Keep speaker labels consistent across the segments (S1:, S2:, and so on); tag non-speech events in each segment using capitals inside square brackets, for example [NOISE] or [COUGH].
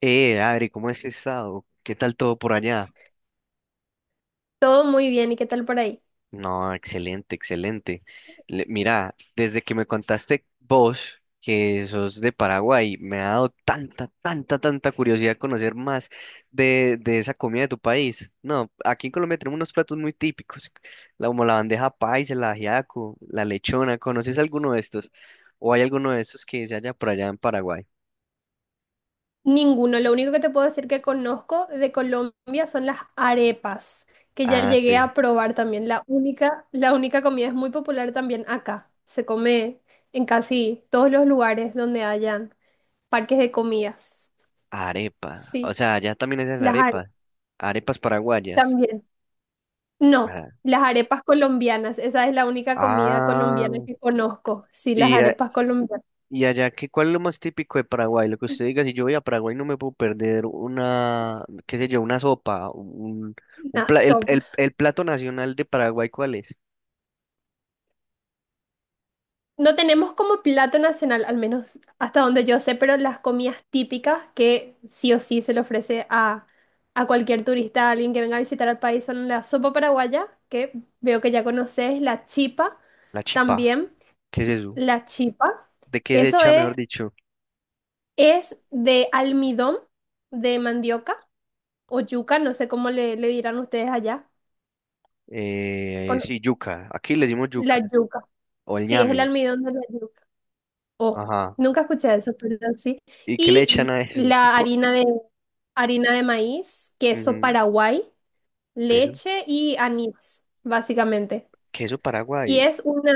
S1: Adri, ¿cómo has estado? ¿Qué tal todo por allá?
S2: Todo muy bien, ¿y qué tal por ahí?
S1: No, excelente, excelente. Mira, desde que me contaste vos que sos de Paraguay, me ha dado tanta, tanta, tanta curiosidad conocer más de esa comida de tu país. No, aquí en Colombia tenemos unos platos muy típicos, como la bandeja paisa, el ajiaco, la lechona. ¿Conoces alguno de estos? ¿O hay alguno de estos que se halla por allá en Paraguay?
S2: Ninguno, lo único que te puedo decir que conozco de Colombia son las arepas, que ya
S1: Ah,
S2: llegué
S1: sí.
S2: a probar también. La única comida es muy popular también acá. Se come en casi todos los lugares donde hayan parques de comidas.
S1: Arepa. O
S2: Sí,
S1: sea, allá también hacen
S2: las arepas
S1: arepa. Arepas paraguayas.
S2: también. No,
S1: Ah,
S2: las arepas colombianas, esa es la única comida
S1: ah,
S2: colombiana que conozco. Sí, las
S1: y, a-
S2: arepas colombianas.
S1: y allá, ¿cuál es lo más típico de Paraguay? Lo que usted diga, si yo voy a Paraguay no me puedo perder una, qué sé yo, una sopa, un, el plato nacional de Paraguay, ¿cuál es?
S2: No tenemos como plato nacional, al menos hasta donde yo sé, pero las comidas típicas que sí o sí se le ofrece a cualquier turista, a alguien que venga a visitar al país, son la sopa paraguaya, que veo que ya conoces, la chipa
S1: La chipa,
S2: también,
S1: ¿qué es eso?
S2: la chipa.
S1: ¿De qué se
S2: Eso
S1: echa, mejor dicho?
S2: es de almidón de mandioca o yuca, no sé cómo le dirán ustedes allá, con
S1: Sí, yuca, aquí le decimos
S2: la
S1: yuca,
S2: yuca.
S1: o el
S2: Sí, es el
S1: ñame,
S2: almidón de la yuca. Oh,
S1: ajá.
S2: nunca escuché eso, pero sí.
S1: ¿Y qué le echan
S2: Y
S1: a eso?
S2: la harina de maíz, queso
S1: Ujú.
S2: Paraguay,
S1: Peso,
S2: leche y anís, básicamente.
S1: queso Paraguay,
S2: Y es una,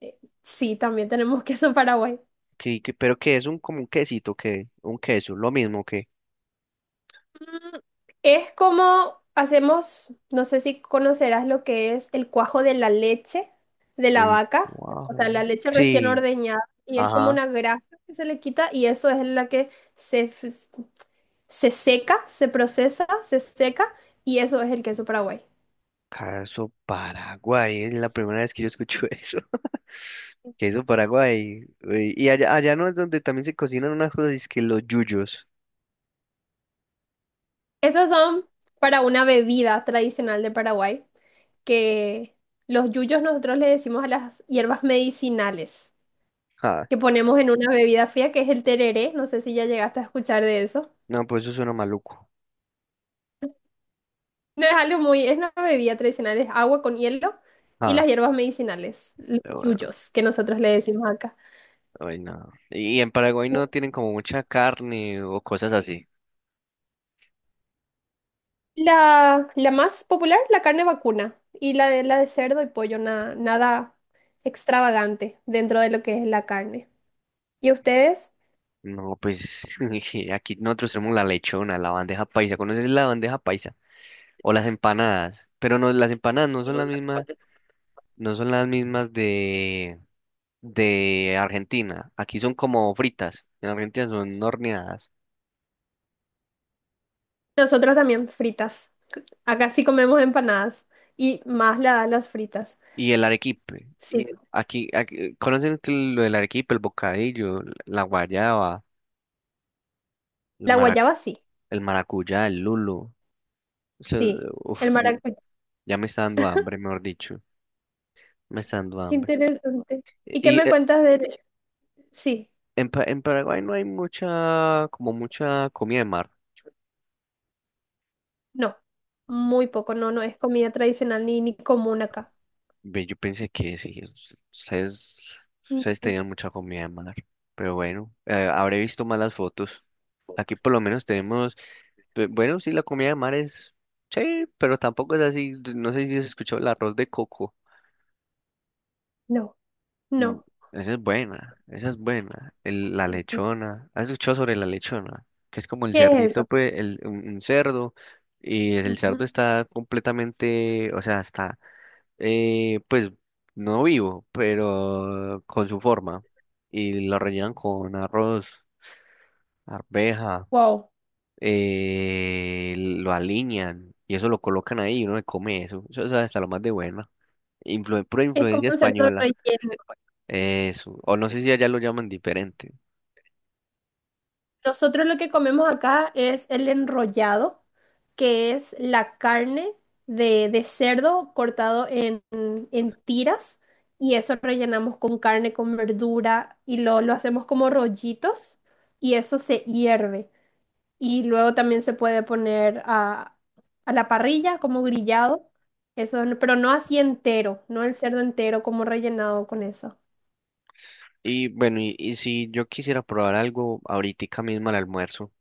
S2: sí, también tenemos [LAUGHS] queso Paraguay.
S1: pero que es un como un quesito, que un queso, lo mismo que...
S2: Mm, Es como hacemos, no sé si conocerás lo que es el cuajo de la leche de la
S1: El
S2: vaca, o sea,
S1: cuajo.
S2: la leche recién
S1: Sí,
S2: ordeñada y es como
S1: ajá.
S2: una grasa que se le quita y eso es la que se se seca, se procesa, se seca y eso es el queso Paraguay.
S1: Caso Paraguay. Es la primera vez que yo escucho eso. [LAUGHS] Que eso Paraguay. Uy, y allá, allá no es donde también se cocinan unas cosas, es que los yuyos.
S2: Esos son para una bebida tradicional de Paraguay, que los yuyos nosotros le decimos a las hierbas medicinales
S1: Ah,
S2: que ponemos en una bebida fría, que es el tereré, no sé si ya llegaste a escuchar de eso.
S1: no, pues eso suena maluco.
S2: No es algo muy, es una bebida tradicional, es agua con hielo y
S1: Ah,
S2: las hierbas medicinales, los
S1: pero bueno,
S2: yuyos que nosotros le decimos acá.
S1: ay, no. Y en Paraguay no tienen como mucha carne o cosas así.
S2: La más popular, la carne vacuna. Y la de cerdo y pollo, nada extravagante dentro de lo que es la carne. ¿Y ustedes?
S1: No, pues [LAUGHS] aquí nosotros tenemos la lechona, la bandeja paisa. ¿Conoces la bandeja paisa? O las empanadas. Pero no, las empanadas no son las mismas, no son las mismas de, de Argentina. Aquí son como fritas, en Argentina son horneadas.
S2: Nosotros también fritas. Acá sí comemos empanadas. Y más las fritas.
S1: Y el arequipe,
S2: Sí.
S1: ¿conocen que lo del arequipe, el bocadillo, la guayaba, el
S2: La
S1: maracu-
S2: guayaba sí.
S1: el maracuyá, el lulo? Eso,
S2: Sí. El
S1: uf,
S2: maracuyá.
S1: ya me está dando hambre, mejor dicho, me está dando
S2: Qué
S1: hambre.
S2: interesante. ¿Y qué
S1: Y
S2: me cuentas de...? Sí.
S1: en Paraguay no hay mucha, como mucha comida de mar.
S2: No. Muy poco. No, no es comida tradicional ni común acá.
S1: Ve, yo pensé que sí, ustedes
S2: No.
S1: tenían mucha comida de mar, pero bueno, habré visto malas fotos. Aquí por lo menos tenemos, bueno, sí, la comida de mar es, sí, pero tampoco es así, no sé si has escuchado el arroz de coco.
S2: No.
S1: Mm,
S2: No.
S1: esa es buena, esa es buena. La lechona, ¿has escuchado sobre la lechona? Que es como el
S2: ¿Qué es
S1: cerdito,
S2: eso?
S1: pues, el, un cerdo, y el
S2: Ujú.
S1: cerdo está completamente, o sea, está pues no vivo, pero con su forma. Y lo rellenan con arroz, arveja,
S2: Wow.
S1: lo alinean y eso lo colocan ahí y uno se come eso. Eso es hasta lo más de buena. Influ pura
S2: Es como
S1: influencia
S2: un cerdo
S1: española.
S2: relleno.
S1: Eso. O no sé si allá lo llaman diferente.
S2: Nosotros lo que comemos acá es el enrollado, que es la carne de cerdo cortado en tiras y eso rellenamos con carne, con verdura y lo hacemos como rollitos y eso se hierve. Y luego también se puede poner a la parrilla como grillado, eso, pero no así entero, no el cerdo entero como rellenado con eso.
S1: Y bueno, y si yo quisiera probar algo ahorita mismo al almuerzo.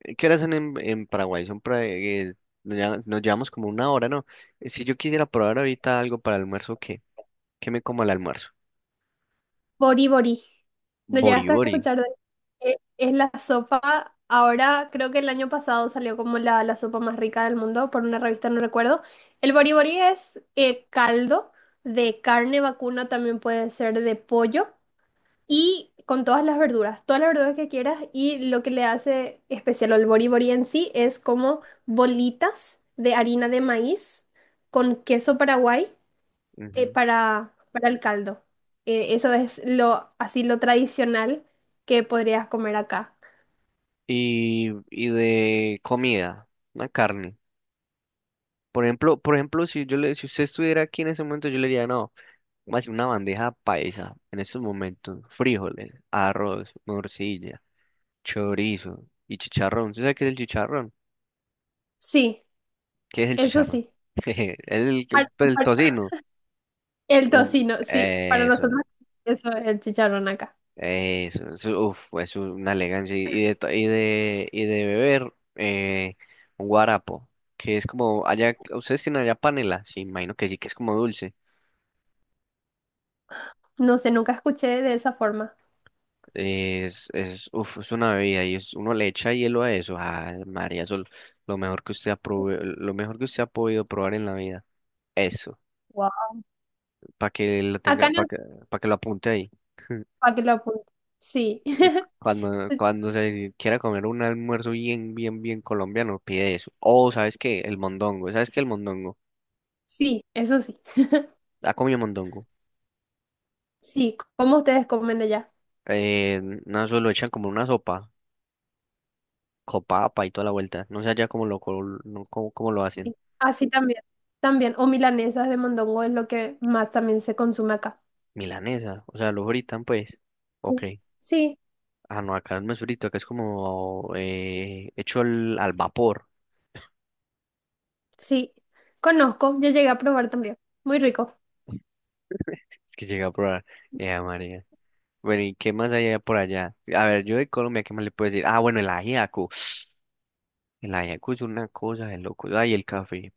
S1: ¿Qué horas son en Paraguay? Son pra- nos llama- Nos llevamos como una hora, ¿no? Si yo quisiera probar ahorita algo para el almuerzo, ¿qué? ¿Qué me como al almuerzo?
S2: Bori Bori. ¿No
S1: Bori
S2: llegaste a
S1: bori.
S2: escuchar de Es la sopa, ahora creo que el año pasado salió como la sopa más rica del mundo por una revista, no recuerdo. El Bori Bori es caldo de carne vacuna, también puede ser de pollo y con todas las verduras que quieras y lo que le hace especial al Bori Bori en sí es como bolitas de harina de maíz con queso paraguay
S1: Ujú.
S2: para el caldo. Eso es lo, así lo tradicional que podrías comer acá.
S1: Y de comida, una carne. Por ejemplo, si yo le, si usted estuviera aquí en ese momento, yo le diría, no, más una bandeja paisa en estos momentos, frijoles, arroz, morcilla. Chorizo y chicharrón. ¿Usted sabe qué es el chicharrón?
S2: Sí,
S1: ¿Qué es el
S2: eso
S1: chicharrón?
S2: sí.
S1: [LAUGHS]
S2: Par-
S1: Pues, el
S2: par-
S1: tocino.
S2: el
S1: El,
S2: tocino, sí, para
S1: eso,
S2: nosotros eso es el chicharrón acá.
S1: eso, uf, es una elegancia. Y y de beber, un guarapo, que es como, allá, ¿ustedes tienen allá panela? Sí, imagino que sí, que es como dulce.
S2: No sé, nunca escuché de esa forma.
S1: Es, uf, es una bebida y es, uno le echa hielo a eso. Ah, María, eso es lo mejor que usted ha podido probar en la vida. Eso.
S2: Wow.
S1: Para que lo tenga,
S2: Acá no,
S1: para que, pa' que lo apunte ahí.
S2: para que lo apunte. Sí,
S1: Y
S2: [LAUGHS]
S1: cuando, cuando se quiera comer un almuerzo bien, bien, bien colombiano, pide eso. O, ¿sabes qué? El mondongo. ¿Sabes qué? El mondongo.
S2: sí, eso sí.
S1: ¿Ha comido mondongo?
S2: Sí, como ustedes comen allá.
S1: Eh, no, eso lo echan como una sopa, copapa y toda la vuelta. No sé allá cómo lo, no, cómo, cómo lo hacen.
S2: Sí. Así también. También, o milanesas de mondongo es lo que más también se consume acá.
S1: Milanesa, o sea, lo fritan pues. Ok.
S2: Sí,
S1: Ah, no, acá no es frito, acá es como hecho al, al vapor.
S2: sí, conozco, ya llegué a probar también. Muy rico.
S1: Es que llega a probar. Eh, Bueno, ¿y qué más hay por allá? A ver, yo de Colombia, ¿qué más le puedo decir? Ah, bueno, el ajiaco. El ajiaco es una cosa de loco. Ay, el café.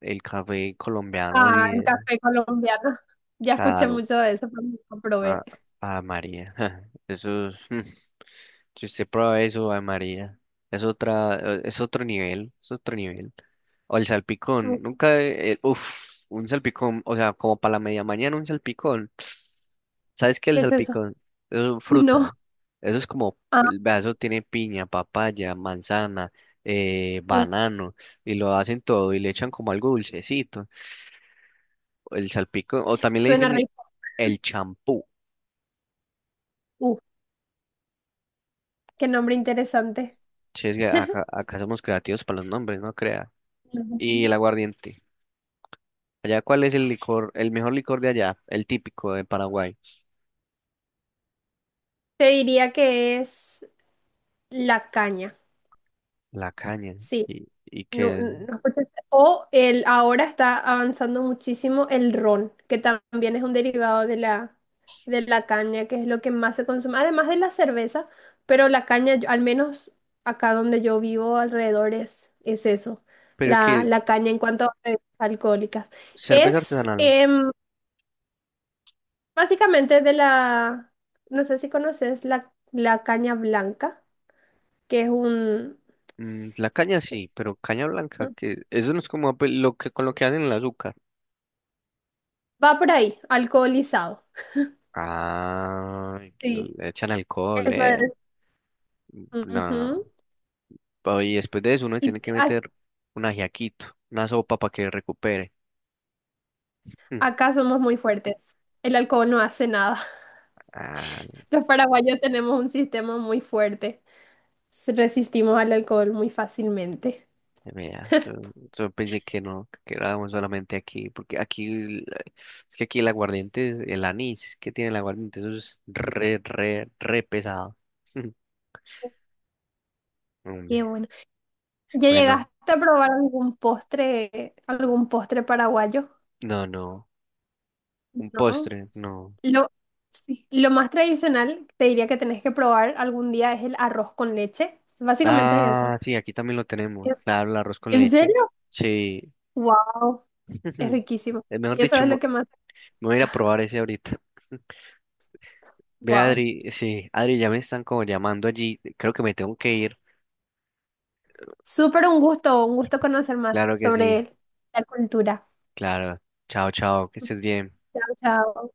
S1: El café colombiano, sí,
S2: Ah, el café colombiano. [LAUGHS] Ya escuché
S1: claro.
S2: mucho de eso, pero nunca
S1: Ah,
S2: probé.
S1: ah, María. [LAUGHS] Eso es- [LAUGHS] Si usted prueba eso, ay, María. Es otra, es otro nivel. Es otro nivel. O el
S2: Mm,
S1: salpicón, nunca, uff, un salpicón, o sea, como para la media mañana un salpicón. [SNIFFS] ¿Sabes qué es el
S2: ¿qué es eso?
S1: salpicón? Eso es
S2: [LAUGHS] No.
S1: fruta. Eso es como,
S2: Ah,
S1: el vaso tiene piña, papaya, manzana,
S2: uh,
S1: banano, y lo hacen todo y le echan como algo dulcecito. El salpicón, o también
S2: suena rico.
S1: el champú.
S2: Uh, qué nombre interesante.
S1: Si es que acá, acá somos creativos para los nombres, no crea. Y el
S2: Ujú.
S1: aguardiente. Allá, ¿cuál es el licor, el mejor licor de allá? El típico de Paraguay.
S2: Te diría que es la caña.
S1: La caña.
S2: Sí,
S1: Y
S2: no,
S1: que,
S2: no escuchaste. O el, ahora está avanzando muchísimo el ron, que también es un derivado de de la caña, que es lo que más se consume, además de la cerveza, pero la caña, al menos acá donde yo vivo alrededor es eso,
S1: pero que
S2: la caña en cuanto a bebidas alcohólicas.
S1: cerveza
S2: Es
S1: artesanal.
S2: básicamente de la, no sé si conoces la caña blanca, que es un,
S1: Mm, la caña sí, pero caña blanca, que eso no es como ape- lo que con lo que hacen el azúcar.
S2: va por ahí, alcoholizado.
S1: Ah, que
S2: Sí.
S1: le echan alcohol,
S2: Eso
S1: eh.
S2: es.
S1: No.
S2: Ujú.
S1: Y después de eso uno
S2: Y
S1: tiene
S2: t-
S1: que
S2: a-
S1: meter un ajiaquito, una sopa para que recupere. Mm.
S2: acá somos muy fuertes. El alcohol no hace nada. [LAUGHS]
S1: Ah,
S2: Los paraguayos tenemos un sistema muy fuerte. Resistimos al alcohol muy fácilmente.
S1: vea, yo pensé que no, que quedábamos solamente aquí, porque es que aquí el aguardiente, el anís que tiene el aguardiente, eso es re, re, re pesado. [LAUGHS] Hombre,
S2: Qué bueno. ¿Ya
S1: bueno,
S2: llegaste a probar algún postre paraguayo?
S1: no, no, un
S2: No.
S1: postre, no.
S2: Lo, sí. Lo más tradicional, te diría que tenés que probar algún día es el arroz con leche. Básicamente es eso.
S1: Ah, sí, aquí también lo tenemos,
S2: ¿En
S1: claro, el arroz con
S2: en
S1: leche,
S2: serio?
S1: sí.
S2: Wow, es
S1: [LAUGHS]
S2: riquísimo.
S1: Mejor
S2: Y eso
S1: dicho,
S2: es lo que más
S1: me voy a ir a
S2: acá. [LAUGHS]
S1: probar ese ahorita. [LAUGHS] Ve,
S2: Wow.
S1: Adri, sí, Adri, ya me están como llamando allí, creo que me tengo que ir,
S2: Súper un gusto conocer más
S1: claro que sí.
S2: sobre la cultura.
S1: Claro. Chao, chao. Que estés bien.
S2: Chao, chao.